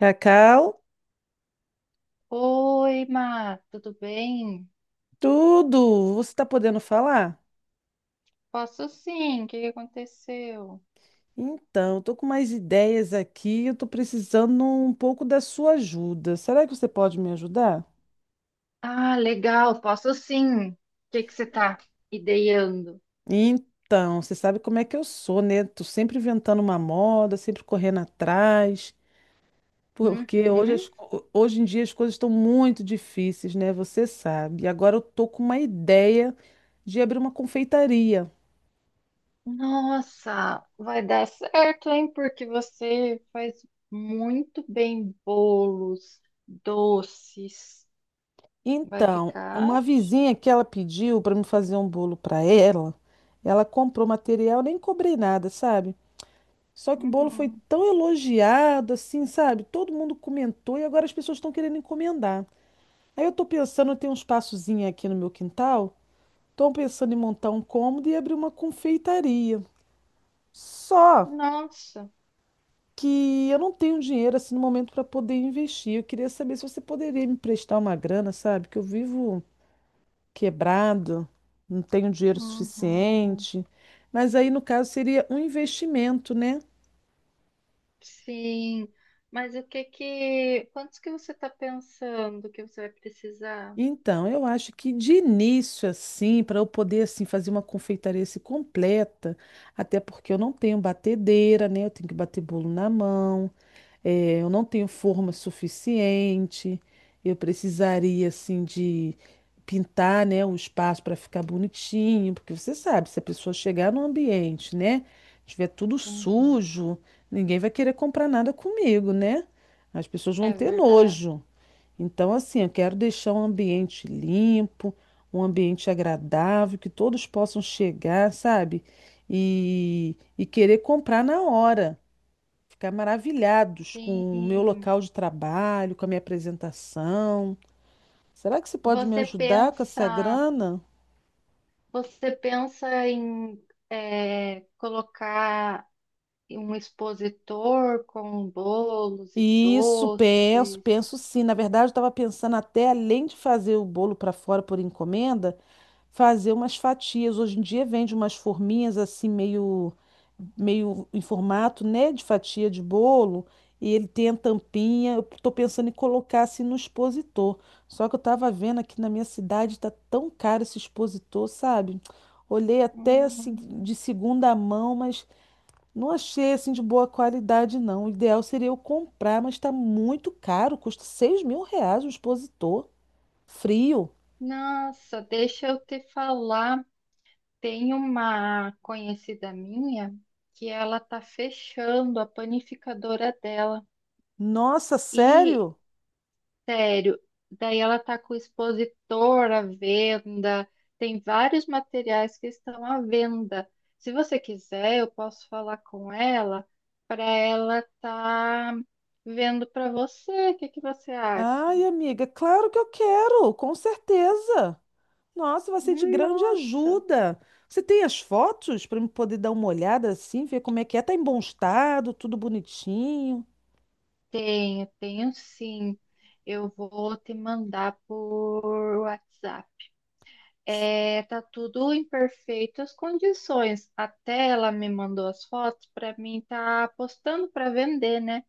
Cacau, Oi, Má, tudo bem? tudo! Você está podendo falar? Posso sim, o que que aconteceu? Então, estou com mais ideias aqui, eu estou precisando um pouco da sua ajuda. Será que você pode me ajudar? Ah, legal, posso sim. O que que você tá ideando? Então, você sabe como é que eu sou, né? Tô sempre inventando uma moda, sempre correndo atrás, porque hoje, Uhum. Hoje em dia as coisas estão muito difíceis, né? Você sabe. E agora eu tô com uma ideia de abrir uma confeitaria. Nossa, vai dar certo, hein? Porque você faz muito bem bolos, doces. Vai Então, ficar? uma vizinha que ela pediu para me fazer um bolo para ela, ela comprou material, nem cobrei nada, sabe? Só que o bolo foi Uhum. tão elogiado, assim, sabe? Todo mundo comentou e agora as pessoas estão querendo encomendar. Aí eu tô pensando, eu tenho um espaçozinho aqui no meu quintal, tô pensando em montar um cômodo e abrir uma confeitaria. Só Nossa. que eu não tenho dinheiro assim no momento para poder investir. Eu queria saber se você poderia me emprestar uma grana, sabe? Que eu vivo quebrado, não tenho dinheiro Uhum. suficiente. Mas aí, no caso, seria um investimento, né? Sim. Mas o que que, quantos que você está pensando que você vai precisar? Então, eu acho que de início, assim, para eu poder assim, fazer uma confeitaria assim, completa, até porque eu não tenho batedeira, né? Eu tenho que bater bolo na mão. É, eu não tenho forma suficiente. Eu precisaria, assim, de pintar, né, o espaço para ficar bonitinho, porque você sabe, se a pessoa chegar no ambiente, né, tiver tudo Uhum. sujo, ninguém vai querer comprar nada comigo, né? As pessoas vão É ter verdade. nojo. Então, assim, eu quero deixar um ambiente limpo, um ambiente agradável, que todos possam chegar, sabe? E querer comprar na hora ficar maravilhados com o meu Sim. local de trabalho, com a minha apresentação. Será que você pode me Você ajudar com essa pensa, grana? você pensa em colocar um expositor com bolos e Isso, penso, doces. penso sim. Na verdade, eu estava pensando até, além de fazer o bolo para fora por encomenda, fazer umas fatias. Hoje em dia vende umas forminhas assim, meio, meio em formato, né, de fatia de bolo, e ele tem a tampinha. Eu estou pensando em colocar assim no expositor. Só que eu estava vendo aqui na minha cidade, tá tão caro esse expositor, sabe? Olhei até assim Hum. de segunda mão, mas. Não achei assim de boa qualidade, não. O ideal seria eu comprar, mas está muito caro. Custa R$ 6.000 um expositor. Frio. Nossa, deixa eu te falar. Tem uma conhecida minha que ela tá fechando a panificadora dela. Nossa, E sério? sério, daí ela tá com o expositor à venda, tem vários materiais que estão à venda. Se você quiser, eu posso falar com ela para ela tá vendo para você. O que que você acha? Ai, amiga, claro que eu quero, com certeza. Nossa, vai ser de grande Nossa, ajuda. Você tem as fotos para eu poder dar uma olhada assim, ver como é que é? Tá em bom estado, tudo bonitinho. tenho sim. Eu vou te mandar por WhatsApp. É, tá tudo em perfeitas condições. Até ela me mandou as fotos para mim tá postando para vender, né?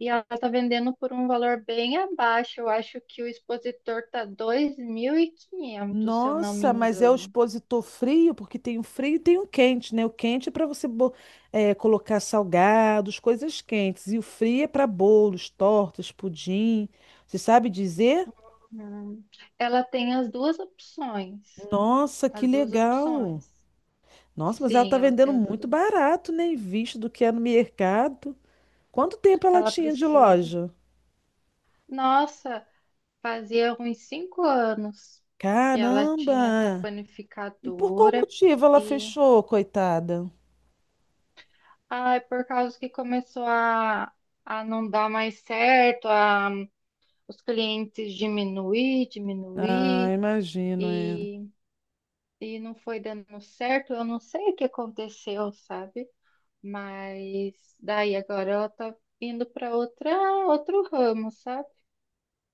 E ela tá vendendo por um valor bem abaixo. Eu acho que o expositor tá 2500 se eu não me Nossa, mas é o engano. expositor frio, porque tem o frio e tem o quente, né? O quente é para você colocar salgados, coisas quentes. E o frio é para bolos, tortas, pudim. Você sabe dizer? Hum. Ela tem as duas opções. Nossa, que As duas legal! opções. Nossa, mas ela Sim, tá ela vendendo tem as duas muito opções. barato, né? Em vista do que é no mercado. Quanto tempo ela Ela tinha de precisa. loja? Nossa, fazia uns 5 anos que ela tinha essa Caramba! E por qual panificadora motivo ela e fechou, coitada? ai, por causa que começou a não dar mais certo, a, os clientes diminuir, Ah, diminuir imagino, é. e, e não foi dando certo. Eu não sei o que aconteceu, sabe? Mas daí agora ela tá indo para outra outro ramo, sabe?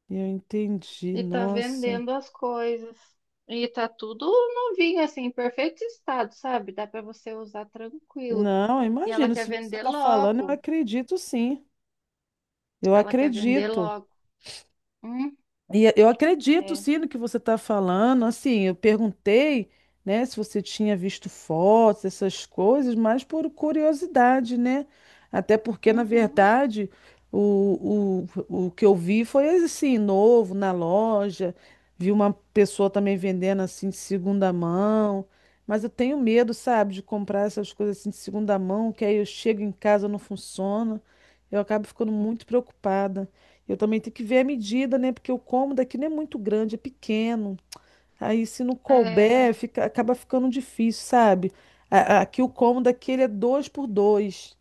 Eu entendi, E tá nossa. vendendo as coisas. E tá tudo novinho, assim, em perfeito estado, sabe? Dá para você usar tranquilo. Não, eu E ela imagino. quer Se você vender está falando, eu logo. acredito sim. Eu Ela quer vender acredito. logo. Hum, E eu acredito, é. sim, no que você está falando. Assim, eu perguntei, né, se você tinha visto fotos, essas coisas, mas por curiosidade, né? Até porque, na Uhum, verdade, o que eu vi foi assim, novo, na loja. Vi uma pessoa também vendendo assim de segunda mão. Mas eu tenho medo, sabe, de comprar essas coisas assim de segunda mão, que aí eu chego em casa não funciona. Eu acabo ficando muito preocupada. Eu também tenho que ver a medida, né? Porque o cômodo aqui não é muito grande, é pequeno. Aí se não couber, é. fica, acaba ficando difícil, sabe? Aqui o cômodo aqui ele é 2 por 2.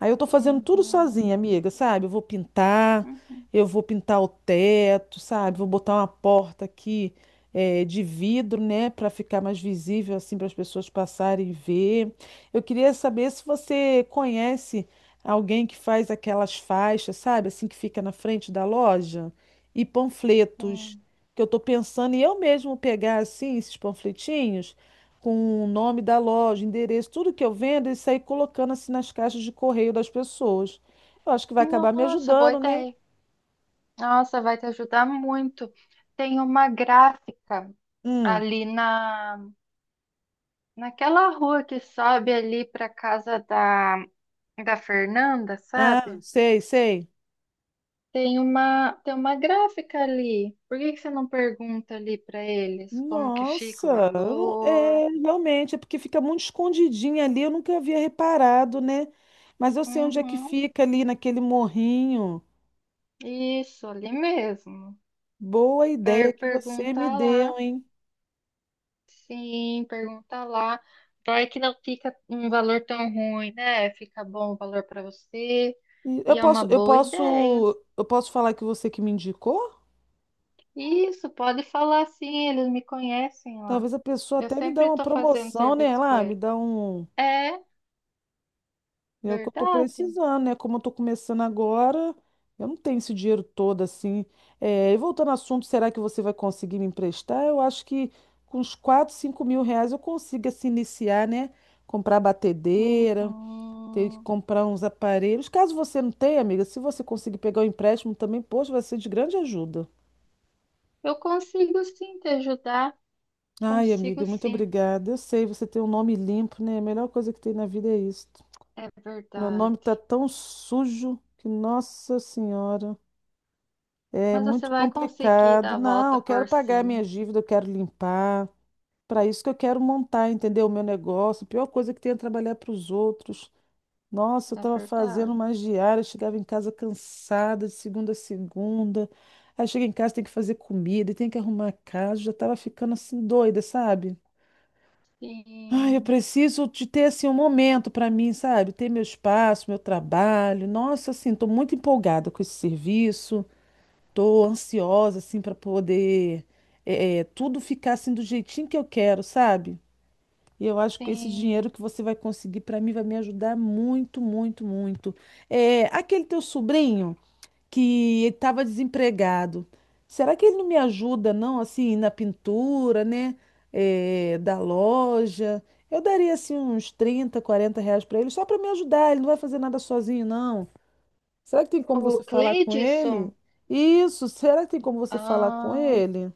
Aí eu tô fazendo tudo Uhum, sozinha, amiga, sabe? Uhum, Eu vou pintar o teto, sabe? Vou botar uma porta aqui de vidro, né? Pra ficar mais visível, assim, para as pessoas passarem e ver. Eu queria saber se você conhece alguém que faz aquelas faixas, sabe? Assim, que fica na frente da loja e panfletos. sim. Que eu tô pensando em eu mesmo pegar, assim, esses panfletinhos com o nome da loja, endereço, tudo que eu vendo, e sair colocando assim nas caixas de correio das pessoas. Eu acho que vai acabar me Nossa, boa ajudando, né? ideia. Nossa, vai te ajudar muito. Tem uma gráfica Hum. ali naquela rua que sobe ali para casa da Fernanda, Ah, sabe? sei, sei. Tem uma gráfica ali. Por que que você não pergunta ali para eles como que fica o Nossa, eu não- valor? é, realmente, é porque fica muito escondidinho ali, eu nunca havia reparado, né? Mas eu sei onde é que Uhum, fica ali naquele morrinho. isso, ali mesmo. Boa ideia que você me Pergunta lá. deu, hein? Sim, pergunta lá. Vai que não fica um valor tão ruim, né? Fica bom o valor para você. E Eu E é uma posso, eu boa posso, ideia. eu posso falar que você que me indicou? Isso, pode falar sim, eles me conhecem lá. Talvez a pessoa Eu até me sempre dá uma estou fazendo promoção, né? serviço com Lá, me eles. dá um É É o que eu tô verdade. precisando, né? Como eu tô começando agora, eu não tenho esse dinheiro todo assim. É, e voltando ao assunto, será que você vai conseguir me emprestar? Eu acho que com uns 4, 5 mil reais eu consigo assim, iniciar, né? Comprar batedeira, ter que Uhum. comprar uns aparelhos. Caso você não tenha, amiga, se você conseguir pegar o empréstimo também, poxa, vai ser de grande ajuda. Eu consigo sim te ajudar, Ai, consigo amiga, muito sim, obrigada. Eu sei, você tem um nome limpo, né? A melhor coisa que tem na vida é isso. é Meu nome tá verdade. tão sujo que, nossa senhora. É Mas você muito vai conseguir dar complicado. a Não, volta eu quero por pagar minha cima, dívida, eu quero limpar. Para isso que eu quero montar, entendeu? O meu negócio. A pior coisa que tem é trabalhar para os outros. Nossa, eu é estava fazendo verdade. umas diárias, chegava em casa cansada de segunda a segunda. Aí chega em casa, tem que fazer comida, tem que arrumar a casa. Já estava ficando assim doida, sabe? Ai, eu Sim, preciso de ter assim um momento para mim, sabe? Ter meu espaço, meu trabalho. Nossa, assim, estou muito empolgada com esse serviço. Tô ansiosa, assim, para poder tudo ficar assim do jeitinho que eu quero, sabe? E eu acho que esse dinheiro sim. que você vai conseguir para mim vai me ajudar muito, muito, muito. É, aquele teu sobrinho que estava desempregado, será que ele não me ajuda, não, assim, na pintura, né? É, da loja? Eu daria, assim, uns 30, 40 reais para ele, só para me ajudar. Ele não vai fazer nada sozinho, não. Será que tem como você O falar com ele? Cleidson, Isso, será que tem como você falar com ah, ele?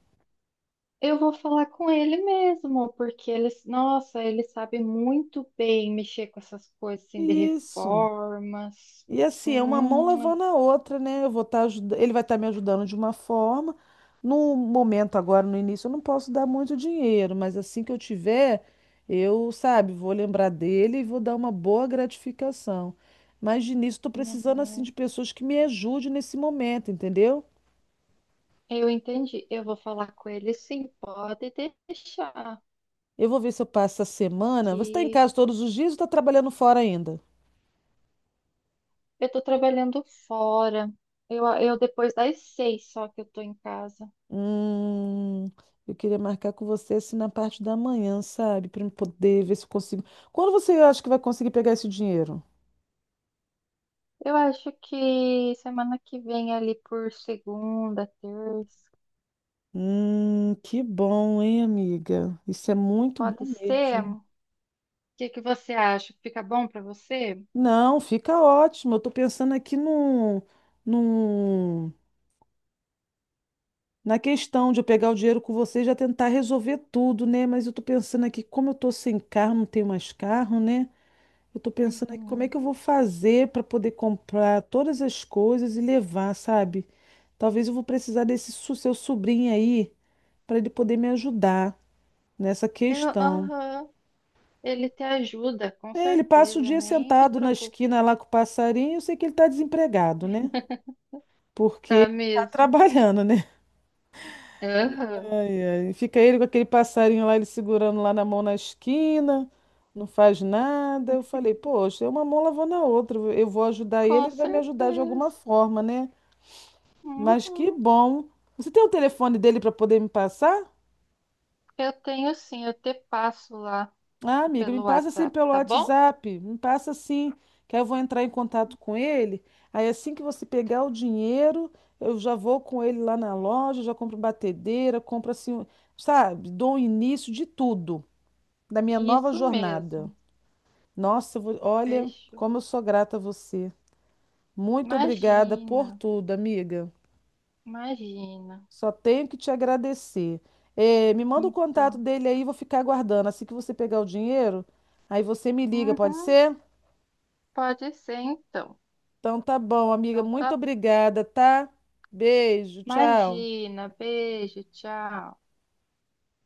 eu vou falar com ele mesmo, porque ele, nossa, ele sabe muito bem mexer com essas coisas assim de Isso. reformas. E assim, é uma mão Hum, lavando a outra, né? Eu vou estar ajudando, ele vai estar me ajudando de uma forma. No momento agora, no início, eu não posso dar muito dinheiro, mas assim que eu tiver, eu, sabe, vou lembrar dele e vou dar uma boa gratificação. Mas de início, estou precisando assim de uhum. pessoas que me ajudem nesse momento, entendeu? Eu entendi, eu vou falar com ele sim, pode deixar Eu vou ver se eu passo a semana. Você está em que casa todos os dias ou está trabalhando fora ainda? eu tô trabalhando fora. Eu depois das 6 só que eu tô em casa. Hum, eu queria marcar com você assim na parte da manhã, sabe? Para poder ver se eu consigo. Quando você acha que vai conseguir pegar esse dinheiro? Eu acho que semana que vem ali por segunda, terça, Que bom, hein, amiga? Isso é muito bom pode ser? mesmo. O que que você acha? Fica bom pra você? Não, fica ótimo. Eu tô pensando aqui num, na questão de eu pegar o dinheiro com você e já tentar resolver tudo, né? Mas eu tô pensando aqui, como eu tô sem carro, não tenho mais carro, né? Eu tô pensando aqui como é Uhum. que eu vou fazer para poder comprar todas as coisas e levar, sabe? Talvez eu vou precisar seu sobrinho aí para ele poder me ajudar nessa Eu, questão. aham. Ele te ajuda, com É, ele passa o certeza. dia Nem se sentado na preocupe. esquina lá com o passarinho, eu sei que ele tá desempregado, né? Porque Tá ele tá mesmo. trabalhando, né? Aham. Ai, ai, fica ele com aquele passarinho lá, ele segurando lá na mão na esquina, não faz nada. Eu falei, poxa, é uma mão lavando a outra. Eu vou ajudar ele, Com ele vai me ajudar de alguma certeza. forma, né? Mas que Uhum. bom. Você tem o telefone dele para poder me passar? Eu tenho sim, eu te passo lá Ah, amiga, me pelo passa assim WhatsApp, pelo tá bom? WhatsApp. Me passa assim, que aí eu vou entrar em contato com ele. Aí assim que você pegar o dinheiro, eu já vou com ele lá na loja, já compro batedeira, compro assim, sabe? Dou o início de tudo, da minha nova Isso jornada. mesmo. Olha Fechou. como eu sou grata a você. Muito obrigada Imagina, por tudo, amiga. imagina. Só tenho que te agradecer. Eh, me manda o contato Então, dele aí, vou ficar aguardando. Assim que você pegar o dinheiro, aí você me liga, pode uhum, ser? pode ser então. Então tá bom, amiga. Então Muito tá. obrigada, tá? Beijo, tchau. Imagina, beijo, tchau.